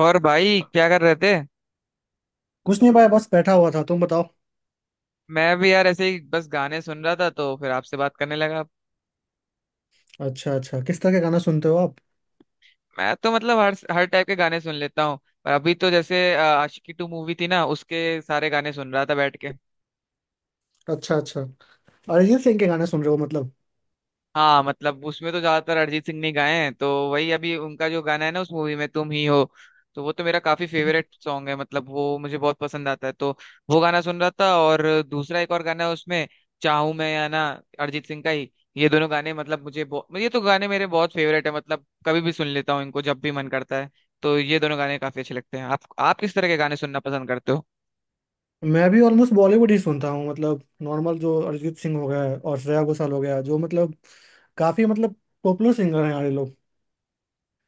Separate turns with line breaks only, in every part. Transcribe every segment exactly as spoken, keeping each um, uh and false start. और भाई क्या कर रहे थे?
कुछ नहीं भाई, बस बैठा हुआ था। तुम बताओ।
मैं भी यार ऐसे ही बस गाने सुन रहा था तो फिर आपसे बात करने लगा।
अच्छा अच्छा, किस तरह के गाना सुनते हो आप?
मैं तो मतलब हर हर टाइप के गाने सुन लेता हूँ। पर अभी तो जैसे अ, आशिकी टू मूवी थी ना, उसके सारे गाने सुन रहा था बैठ के।
अच्छा अच्छा, अरिजीत सिंह के गाने सुन रहे हो मतलब?
हाँ, मतलब उसमें तो ज्यादातर अरिजीत सिंह ने गाए हैं तो वही अभी उनका जो गाना है ना उस मूवी में, तुम ही हो, तो वो तो मेरा काफी फेवरेट सॉन्ग है, मतलब वो मुझे बहुत पसंद आता है तो वो गाना सुन रहा था। और दूसरा एक और गाना है उसमें, चाहूं मैं या ना, अरिजीत सिंह का ही। ये दोनों गाने मतलब मुझे बहु- ये तो गाने मेरे बहुत फेवरेट है, मतलब कभी भी सुन लेता हूँ इनको जब भी मन करता है। तो ये दोनों गाने काफी अच्छे लगते हैं। आप आप किस तरह के गाने सुनना पसंद करते हो?
मैं भी ऑलमोस्ट बॉलीवुड ही सुनता हूँ, मतलब नॉर्मल। जो अरिजीत सिंह हो गया है और श्रेया घोषाल हो गया, जो मतलब काफी मतलब पॉपुलर सिंगर हैं हमारे लोग।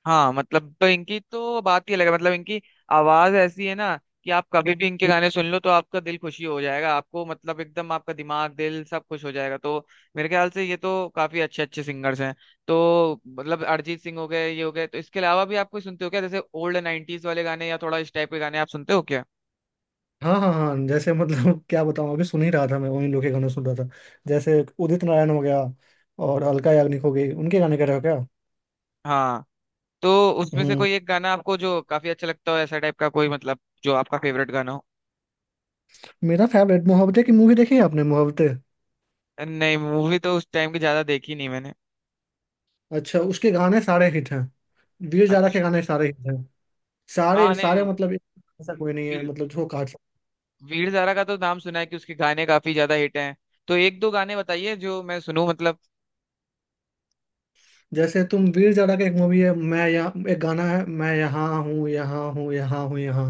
हाँ, मतलब तो इनकी तो बात ही अलग है, मतलब इनकी आवाज ऐसी है ना कि आप कभी भी इनके गाने सुन लो तो आपका दिल खुशी हो जाएगा। आपको मतलब एकदम आपका दिमाग दिल सब खुश हो जाएगा। तो मेरे ख्याल से ये तो काफी अच्छे अच्छे सिंगर्स हैं। तो मतलब अरिजीत सिंह हो गए, ये हो गए, तो इसके अलावा भी आप कोई सुनते हो क्या? जैसे ओल्ड नाइन्टीज वाले गाने या थोड़ा इस टाइप के गाने आप सुनते हो क्या?
हाँ हाँ हाँ, जैसे मतलब क्या बताऊँ, अभी सुन ही रहा था मैं। उन्हीं लोग के गाने सुन रहा था, जैसे उदित नारायण हो गया और अलका याग्निक हो गई। उनके गाने कह रहे हो क्या?
हाँ। तो उसमें से
हम्म।
कोई एक गाना आपको जो काफी अच्छा लगता हो, ऐसा टाइप का कोई, मतलब जो आपका फेवरेट गाना हो।
मेरा फेवरेट मोहब्बतें की मूवी। देखी है आपने मोहब्बतें?
नहीं, मूवी तो उस टाइम की ज्यादा देखी नहीं मैंने।
अच्छा, उसके गाने सारे हिट हैं। वीर जारा के
अच्छा।
गाने सारे हिट हैं। सारे
हाँ,
सारे
नहीं,
मतलब। ऐसा कोई नहीं है मतलब जो काट सकते।
वीर ज़ारा का तो नाम सुना है कि उसके गाने काफी ज्यादा हिट हैं। तो एक दो गाने बताइए जो मैं सुनूं, मतलब।
जैसे तुम वीर जारा का एक मूवी है। मैं यहाँ एक गाना है, मैं यहाँ हूँ, यहाँ हूँ, यहाँ हूँ, यहाँ।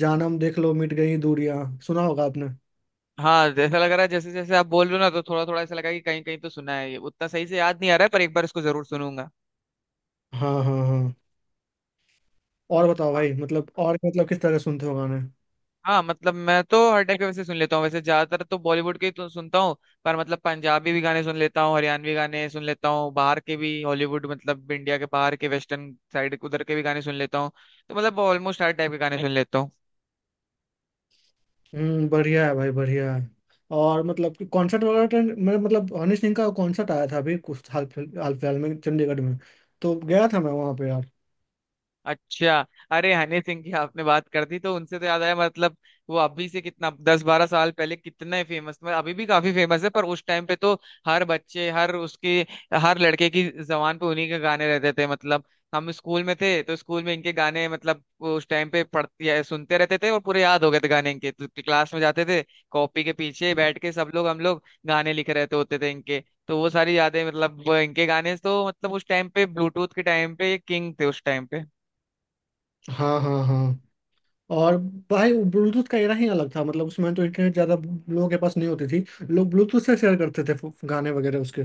जानम देख लो मिट गई दूरियां। सुना होगा आपने?
हाँ, जैसा लग रहा है जैसे जैसे आप बोल रहे हो ना तो थोड़ा थोड़ा ऐसा लगा कि कहीं कहीं तो सुना है, ये उतना सही से याद नहीं आ रहा है, पर एक बार इसको जरूर सुनूंगा।
हाँ हाँ हाँ। और बताओ
हाँ।
भाई, मतलब और मतलब किस तरह सुनते हो गाने?
हाँ, मतलब मैं तो हर टाइप के वैसे सुन लेता हूँ, वैसे ज्यादातर तो बॉलीवुड के ही तो सुनता हूँ। पर मतलब पंजाबी भी गाने सुन लेता हूँ, हरियाणवी गाने सुन लेता हूँ, बाहर के भी हॉलीवुड मतलब इंडिया के बाहर के वेस्टर्न साइड उधर के भी गाने सुन लेता हूँ। तो मतलब ऑलमोस्ट हर टाइप के गाने सुन लेता हूँ।
हम्म, बढ़िया है भाई, बढ़िया है। और मतलब कॉन्सर्ट वगैरह तो मेरा मतलब हनी सिंह का कॉन्सर्ट आया था अभी कुछ हाल फिल- हाल फिलहाल में, चंडीगढ़ में। तो गया था मैं वहाँ पे यार।
अच्छा। अरे, हनी सिंह की आपने बात कर दी तो उनसे तो याद आया मतलब। वो अभी से कितना दस बारह साल पहले कितने फेमस, मतलब अभी भी काफी फेमस है, पर उस टाइम पे तो हर बच्चे, हर उसके, हर लड़के की जबान पे उन्हीं के गाने रहते थे। मतलब हम स्कूल में थे तो स्कूल में इनके गाने मतलब उस टाइम पे पढ़ते या सुनते रहते थे और पूरे याद हो गए थे गाने इनके। तो क्लास में जाते थे, कॉपी के पीछे बैठ के सब लोग, हम लोग गाने लिख रहते होते थे इनके। तो वो सारी यादें मतलब वो इनके गाने तो मतलब उस टाइम पे ब्लूटूथ के टाइम पे किंग थे उस टाइम पे।
हाँ हाँ हाँ। और भाई, ब्लूटूथ का एरा ही अलग था। मतलब उसमें तो इंटरनेट ज्यादा लोगों के पास नहीं होती थी। लोग ब्लूटूथ से शेयर करते थे फो- गाने वगैरह उसके।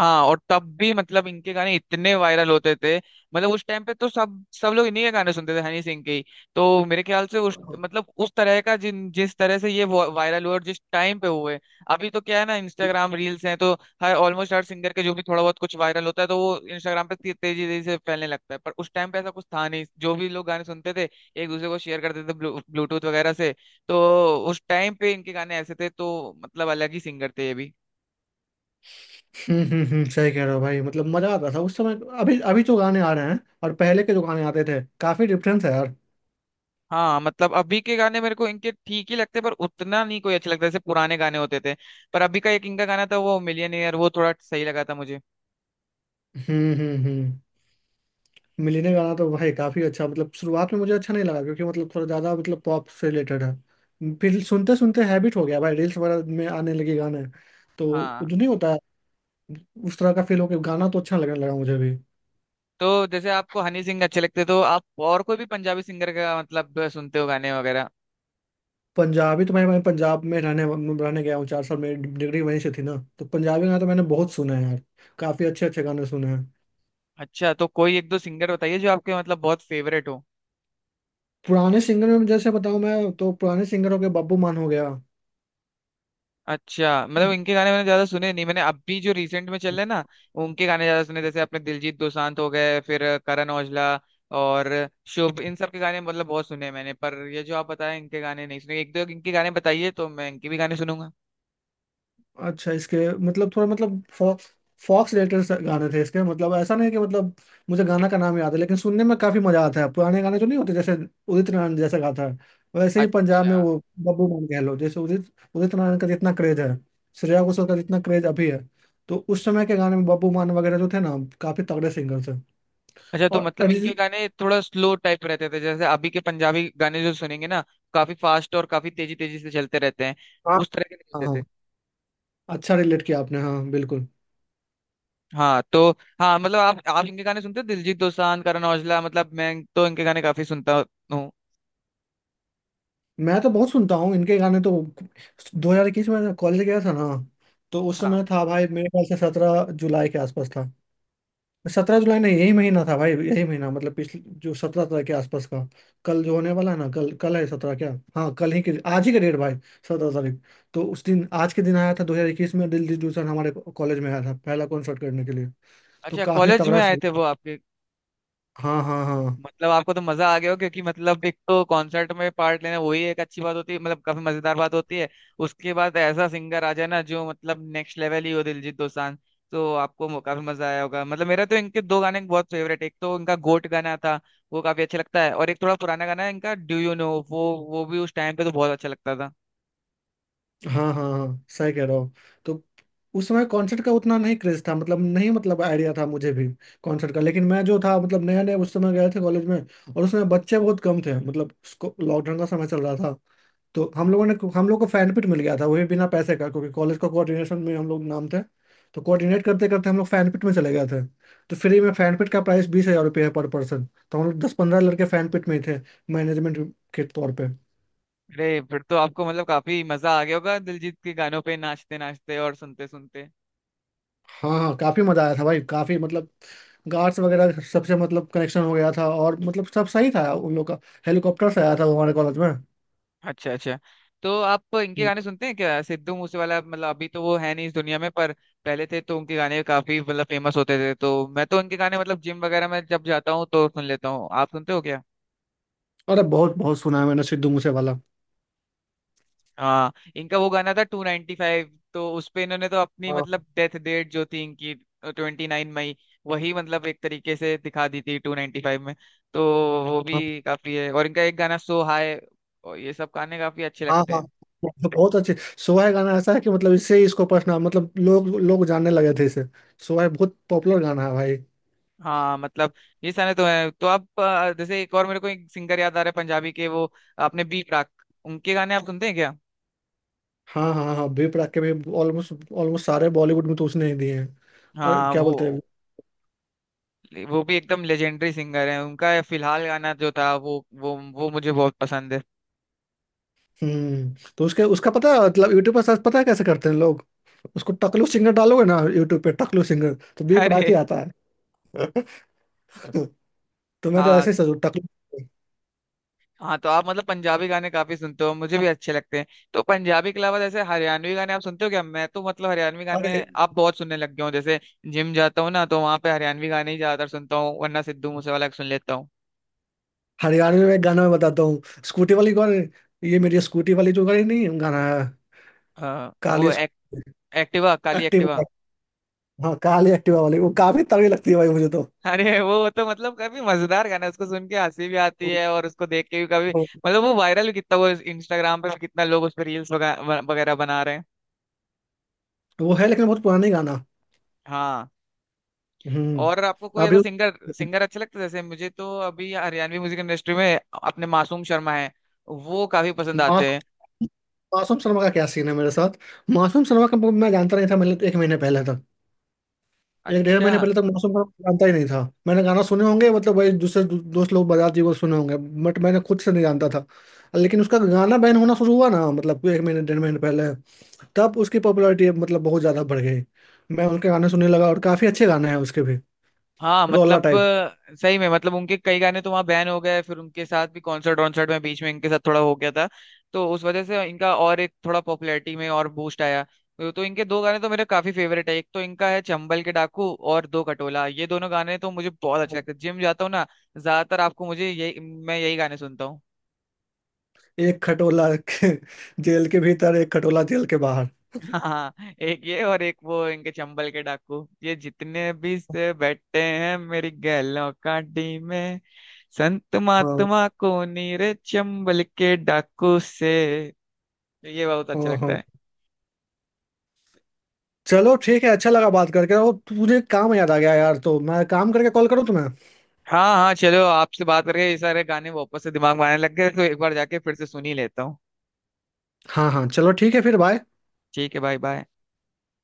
हाँ, और तब भी मतलब इनके गाने इतने वायरल होते थे। मतलब उस टाइम पे तो सब सब लोग इन्हीं के गाने सुनते थे, हनी सिंह के ही। तो मेरे ख्याल से उस मतलब उस तरह का जिन जिस तरह से ये वा- वायरल हुए और जिस टाइम पे हुए। अभी तो क्या है ना, इंस्टाग्राम रील्स हैं तो हर ऑलमोस्ट हर सिंगर के जो भी थोड़ा बहुत कुछ वायरल होता है तो वो इंस्टाग्राम पे ते- तेजी तेजी से फैलने लगता है। पर उस टाइम पे ऐसा कुछ था नहीं। जो भी लोग गाने सुनते थे एक दूसरे को शेयर करते थे ब्लू, ब्लूटूथ वगैरह से। तो उस टाइम पे इनके गाने ऐसे थे तो मतलब अलग ही सिंगर थे ये भी।
हम्म हम्म हम्म, सही कह रहे हो भाई। मतलब मजा आता था उस समय। अभी अभी जो गाने आ रहे हैं और पहले के जो गाने आते थे, काफी डिफरेंस है यार।
हाँ, मतलब अभी के गाने मेरे को इनके ठीक ही लगते पर उतना नहीं कोई अच्छे लगता जैसे पुराने गाने होते थे। पर अभी का एक इनका गाना था वो मिलियनेयर वो थोड़ा सही लगा था मुझे।
हम्म हम्म हम्म, मिलने गाना तो भाई काफी अच्छा। मतलब शुरुआत में मुझे अच्छा नहीं लगा, क्योंकि मतलब थोड़ा ज्यादा मतलब पॉप से रिलेटेड है। फिर सुनते सुनते हैबिट हो गया भाई। रील्स वगैरह में आने लगे गाने तो। वो
हाँ।
जो नहीं होता है, उस तरह का फील हो गया। गाना तो अच्छा लगने लगा मुझे भी।
तो जैसे आपको हनी सिंह अच्छे लगते तो आप और कोई भी पंजाबी सिंगर का मतलब सुनते हो गाने वगैरह?
पंजाबी तो मैं मैं पंजाब में रहने रहने गया हूँ चार साल। मेरी डिग्री वहीं से थी ना, तो पंजाबी गाना तो मैंने बहुत सुना है यार। काफी अच्छे अच्छे गाने सुने हैं।
अच्छा, तो कोई एक दो सिंगर बताइए जो आपके मतलब बहुत फेवरेट हो।
पुराने सिंगर में जैसे बताऊँ मैं, तो पुराने सिंगर हो गए बब्बू मान हो गया।
अच्छा, मतलब इनके गाने मैंने ज्यादा सुने नहीं। मैंने अभी जो रिसेंट में चल रहे हैं ना उनके गाने ज्यादा सुने, जैसे अपने दिलजीत दोसांझ हो गए, फिर करण औजला और शुभ, इन सब के गाने मतलब बहुत सुने हैं मैंने। पर ये जो आप बताए इनके गाने नहीं सुने, एक दो इनके गाने बताइए तो मैं इनके भी गाने सुनूंगा।
अच्छा, इसके मतलब थोड़ा मतलब फॉ, फॉक्स रिलेटेड गाने थे इसके। मतलब ऐसा नहीं कि मतलब मुझे गाना का नाम याद है, लेकिन सुनने में काफी मजा आता है। पुराने गाने जो नहीं होते, जैसे उदित नारायण जैसा गाता है वैसे ही पंजाब
अच्छा।
में वो बब्बू मोहन गहलोत। जैसे उदित उदित नारायण का जितना क्रेज है, श्रेया घोषाल का जितना क्रेज अभी है, तो उस समय के गाने में बब्बू मान वगैरह जो थे ना, काफी तगड़े सिंगर थे।
अच्छा, तो
और
मतलब इनके
अरिजीत।
गाने थोड़ा स्लो टाइप रहते थे जैसे अभी के पंजाबी गाने जो सुनेंगे ना, काफी फास्ट और काफी तेजी तेजी से चलते रहते हैं।
हाँ
उस तरह के नहीं
हाँ
होते
हाँ,
थे।
अच्छा रिलेट किया आपने। हाँ बिल्कुल।
हाँ। तो हाँ मतलब आप आप इनके गाने सुनते हो, दिलजीत दोसांझ, करण औजला, मतलब मैं तो इनके गाने काफी सुनता हूँ।
मैं तो बहुत सुनता हूँ इनके गाने तो। दो हज़ार इक्कीस में कॉलेज गया था ना। तो उस
हाँ।
समय था भाई, मेरे ख्याल से सत्रह जुलाई के आसपास था। सत्रह जुलाई नहीं, यही महीना था भाई, यही महीना। मतलब पिछले जो सत्रह तारीख के आसपास का। कल जो होने वाला है ना, कल कल है सत्रह क्या? हाँ, कल ही के आज ही का डेट भाई। सत्रह तारीख। तो उस दिन, आज के दिन, आया था दो हज़ार इक्कीस में दिल दिल दुल्हन हमारे कॉलेज में। आया था पहला कॉन्सर्ट करने के लिए। तो
अच्छा,
काफी
कॉलेज में
तगड़ा
आए
सीन।
थे वो आपके?
हाँ हाँ हाँ।
मतलब आपको तो मजा आ गया हो क्योंकि मतलब एक तो कॉन्सर्ट में पार्ट लेना वही एक अच्छी बात होती है, मतलब काफी मजेदार बात होती है। उसके बाद ऐसा सिंगर आ जाए ना जो मतलब नेक्स्ट लेवल ही हो, दिलजीत दोसांझ, तो आपको मो- काफी मजा आया होगा। मतलब मेरा तो इनके दो गाने बहुत फेवरेट, एक तो इनका गोट गाना था वो काफी अच्छा लगता है, और एक थोड़ा पुराना गाना है इनका डू यू नो वो वो भी उस टाइम पे तो बहुत अच्छा लगता था।
हाँ हाँ हाँ, सही कह रहा हूँ। तो उस समय कॉन्सर्ट का उतना नहीं क्रेज था, मतलब नहीं मतलब आइडिया था मुझे भी कॉन्सर्ट का। लेकिन मैं जो था मतलब नया नया उस समय गए थे कॉलेज में। और उसमें बच्चे बहुत कम थे, मतलब लॉकडाउन का समय चल रहा था। तो हम लोगों ने हम लोग को फैन पिट मिल गया था, वो भी बिना पैसे का, क्योंकि कॉलेज का कोऑर्डिनेशन में हम लोग नाम थे। तो कोऑर्डिनेट करते करते हम लोग फैन पिट में चले गए थे। तो फ्री में। फैन पिट का प्राइस बीस हजार रुपये है पर पर्सन। तो हम लोग दस पंद्रह लड़के फैन पिट में ही थे, मैनेजमेंट के तौर पर।
अरे, फिर तो आपको मतलब काफी मजा आ गया होगा दिलजीत के गानों पे नाचते नाचते और सुनते सुनते।
हाँ हाँ, काफी मजा आया था भाई, काफी। मतलब गार्ड्स वगैरह सबसे मतलब कनेक्शन हो गया था, और मतलब सब सही था उन लोग का। हेलीकॉप्टर से आया था वो हमारे कॉलेज में।
अच्छा अच्छा, तो आप इनके
हम्म,
गाने सुनते हैं क्या, सिद्धू मूसेवाला? मतलब अभी तो वो है नहीं इस दुनिया में, पर पहले थे तो उनके गाने काफी मतलब फेमस होते थे। तो मैं तो उनके गाने मतलब जिम वगैरह में जब जाता हूँ तो सुन लेता हूँ, आप सुनते हो क्या?
अरे बहुत बहुत सुना है मैंने सिद्धू मूसे वाला।
हाँ। इनका वो गाना था टू नाइनटी फाइव, तो उस पे इन्होंने तो अपनी
हाँ
मतलब डेथ डेट जो थी इनकी, ट्वेंटी नाइन मई, वही मतलब एक तरीके से दिखा दी थी टू नाइनटी फाइव में। तो वो
हाँ
भी काफी है, और इनका एक गाना सो हाय, और ये सब गाने काफी अच्छे
हाँ
लगते
हाँ,
हैं।
बहुत अच्छे। सोहै गाना ऐसा है कि मतलब इससे ही इसको पसना, मतलब लोग लोग जानने लगे थे इसे। सोहै बहुत पॉपुलर गाना है भाई।
हाँ, मतलब ये सारे तो है। तो आप अ, जैसे एक और मेरे को एक सिंगर याद आ रहा है पंजाबी के, वो आपने, बी प्राक, उनके गाने आप सुनते हैं क्या?
हाँ हाँ हाँ, बी प्राक के भी ऑलमोस्ट ऑलमोस्ट सारे बॉलीवुड में तो उसने ही दिए हैं। और
हाँ,
क्या
वो
बोलते हैं।
वो भी एकदम लेजेंडरी सिंगर है। उनका फिलहाल गाना जो था वो वो वो मुझे बहुत पसंद है।
हम्म, तो उसके उसका पता है मतलब? यूट्यूब पर सर्च पता है कैसे करते हैं लोग? उसको टकलू सिंगर डालोगे ना यूट्यूब पे, टकलू सिंगर तो बी पड़ा
अरे।
के आता है। तो मैं तो
हाँ,
ऐसे ही सोचू टकलू।
हाँ, तो आप मतलब पंजाबी गाने काफी सुनते हो, मुझे भी अच्छे लगते हैं। तो पंजाबी के अलावा जैसे हरियाणवी गाने आप सुनते हो क्या? मैं तो मतलब हरियाणवी गाने
अरे,
आप बहुत सुनने लग गए हो जैसे। जिम जाता हूँ ना तो वहां पे हरियाणवी गाने ही ज्यादातर सुनता हूँ, वरना सिद्धू मूसेवाला के सुन लेता हूँ।
हरियाणवी में एक गाना मैं बताता हूँ। स्कूटी वाली कौन है? ये मेरी स्कूटी वाली, जो गाड़ी नहीं है, गाना है।
अ, वो
काली
एक, एक्टिवा, काली एक्टिवा।
एक्टिवा। हाँ, काली एक्टिवा वाली वो काफी तगड़ी लगती है भाई मुझे तो।
अरे, वो तो मतलब काफी मजेदार गाना है, उसको सुन के हंसी भी आती है और उसको देख के भी काफी
वो
मतलब वो वायरल भी कितना, वो इंस्टाग्राम पे भी कितना लोग उस पर रील्स वगैरह बना रहे हैं।
वो है, लेकिन बहुत पुरानी गाना।
हाँ, और आपको
हम्म,
कोई
अभी
ऐसा
उस-।
सिंगर सिंगर अच्छा लगता है जैसे मुझे तो अभी हरियाणवी म्यूजिक इंडस्ट्री में अपने मासूम शर्मा है, वो काफी पसंद आते हैं।
मासूम। मासूम शर्मा का क्या सीन है मेरे साथ। मासूम शर्मा का मैं जानता नहीं था, मतलब एक महीने पहले। एक डेढ़
अच्छा।
महीने पहले तक मौसम का जानता ही नहीं था। मैंने गाना सुने होंगे, मतलब वही दूसरे दो- दोस्त लोग बजाते हुए सुने होंगे। बट मैंने खुद से नहीं जानता था। लेकिन उसका गाना बैन होना शुरू हुआ ना, मतलब एक महीने डेढ़ महीने पहले। तब उसकी पॉपुलैरिटी मतलब बहुत ज़्यादा बढ़ गई। मैं उनके गाने सुनने लगा, और काफ़ी अच्छे गाने हैं उसके भी।
हाँ
रोला
मतलब
टाइप।
अ, सही में मतलब उनके कई गाने तो वहाँ बैन हो गए, फिर उनके साथ भी कॉन्सर्ट वॉन्सर्ट में बीच में इनके साथ थोड़ा हो गया था। तो उस वजह से इनका और एक थोड़ा पॉपुलैरिटी में और बूस्ट आया। तो तो इनके दो गाने तो मेरे काफी फेवरेट है। एक तो इनका है चंबल के डाकू, और दो कटोला, ये दोनों गाने तो मुझे बहुत अच्छे लगते हैं। जिम जाता हूँ ना, ज्यादातर आपको मुझे यही मैं यही गाने सुनता हूँ।
एक खटोला के-। जेल के भीतर एक खटोला, जेल के बाहर।
हाँ। एक ये और एक वो इनके चंबल के डाकू, ये जितने भी से बैठे हैं मेरी गैलों काटी में, संत
हाँ
महात्मा को नीरे चंबल के डाकू से, तो ये बहुत अच्छा
हाँ
लगता
हाँ,
है।
चलो ठीक है। अच्छा लगा बात करके। वो तुझे काम याद आ गया यार, तो मैं काम करके कॉल करूँ तुम्हें।
हाँ हाँ, चलो आपसे बात करके ये सारे गाने वापस से दिमाग में आने लग गए, तो एक बार जाके फिर से सुन ही लेता हूँ।
हाँ हाँ, चलो ठीक है। फिर बाय।
ठीक है, बाय बाय।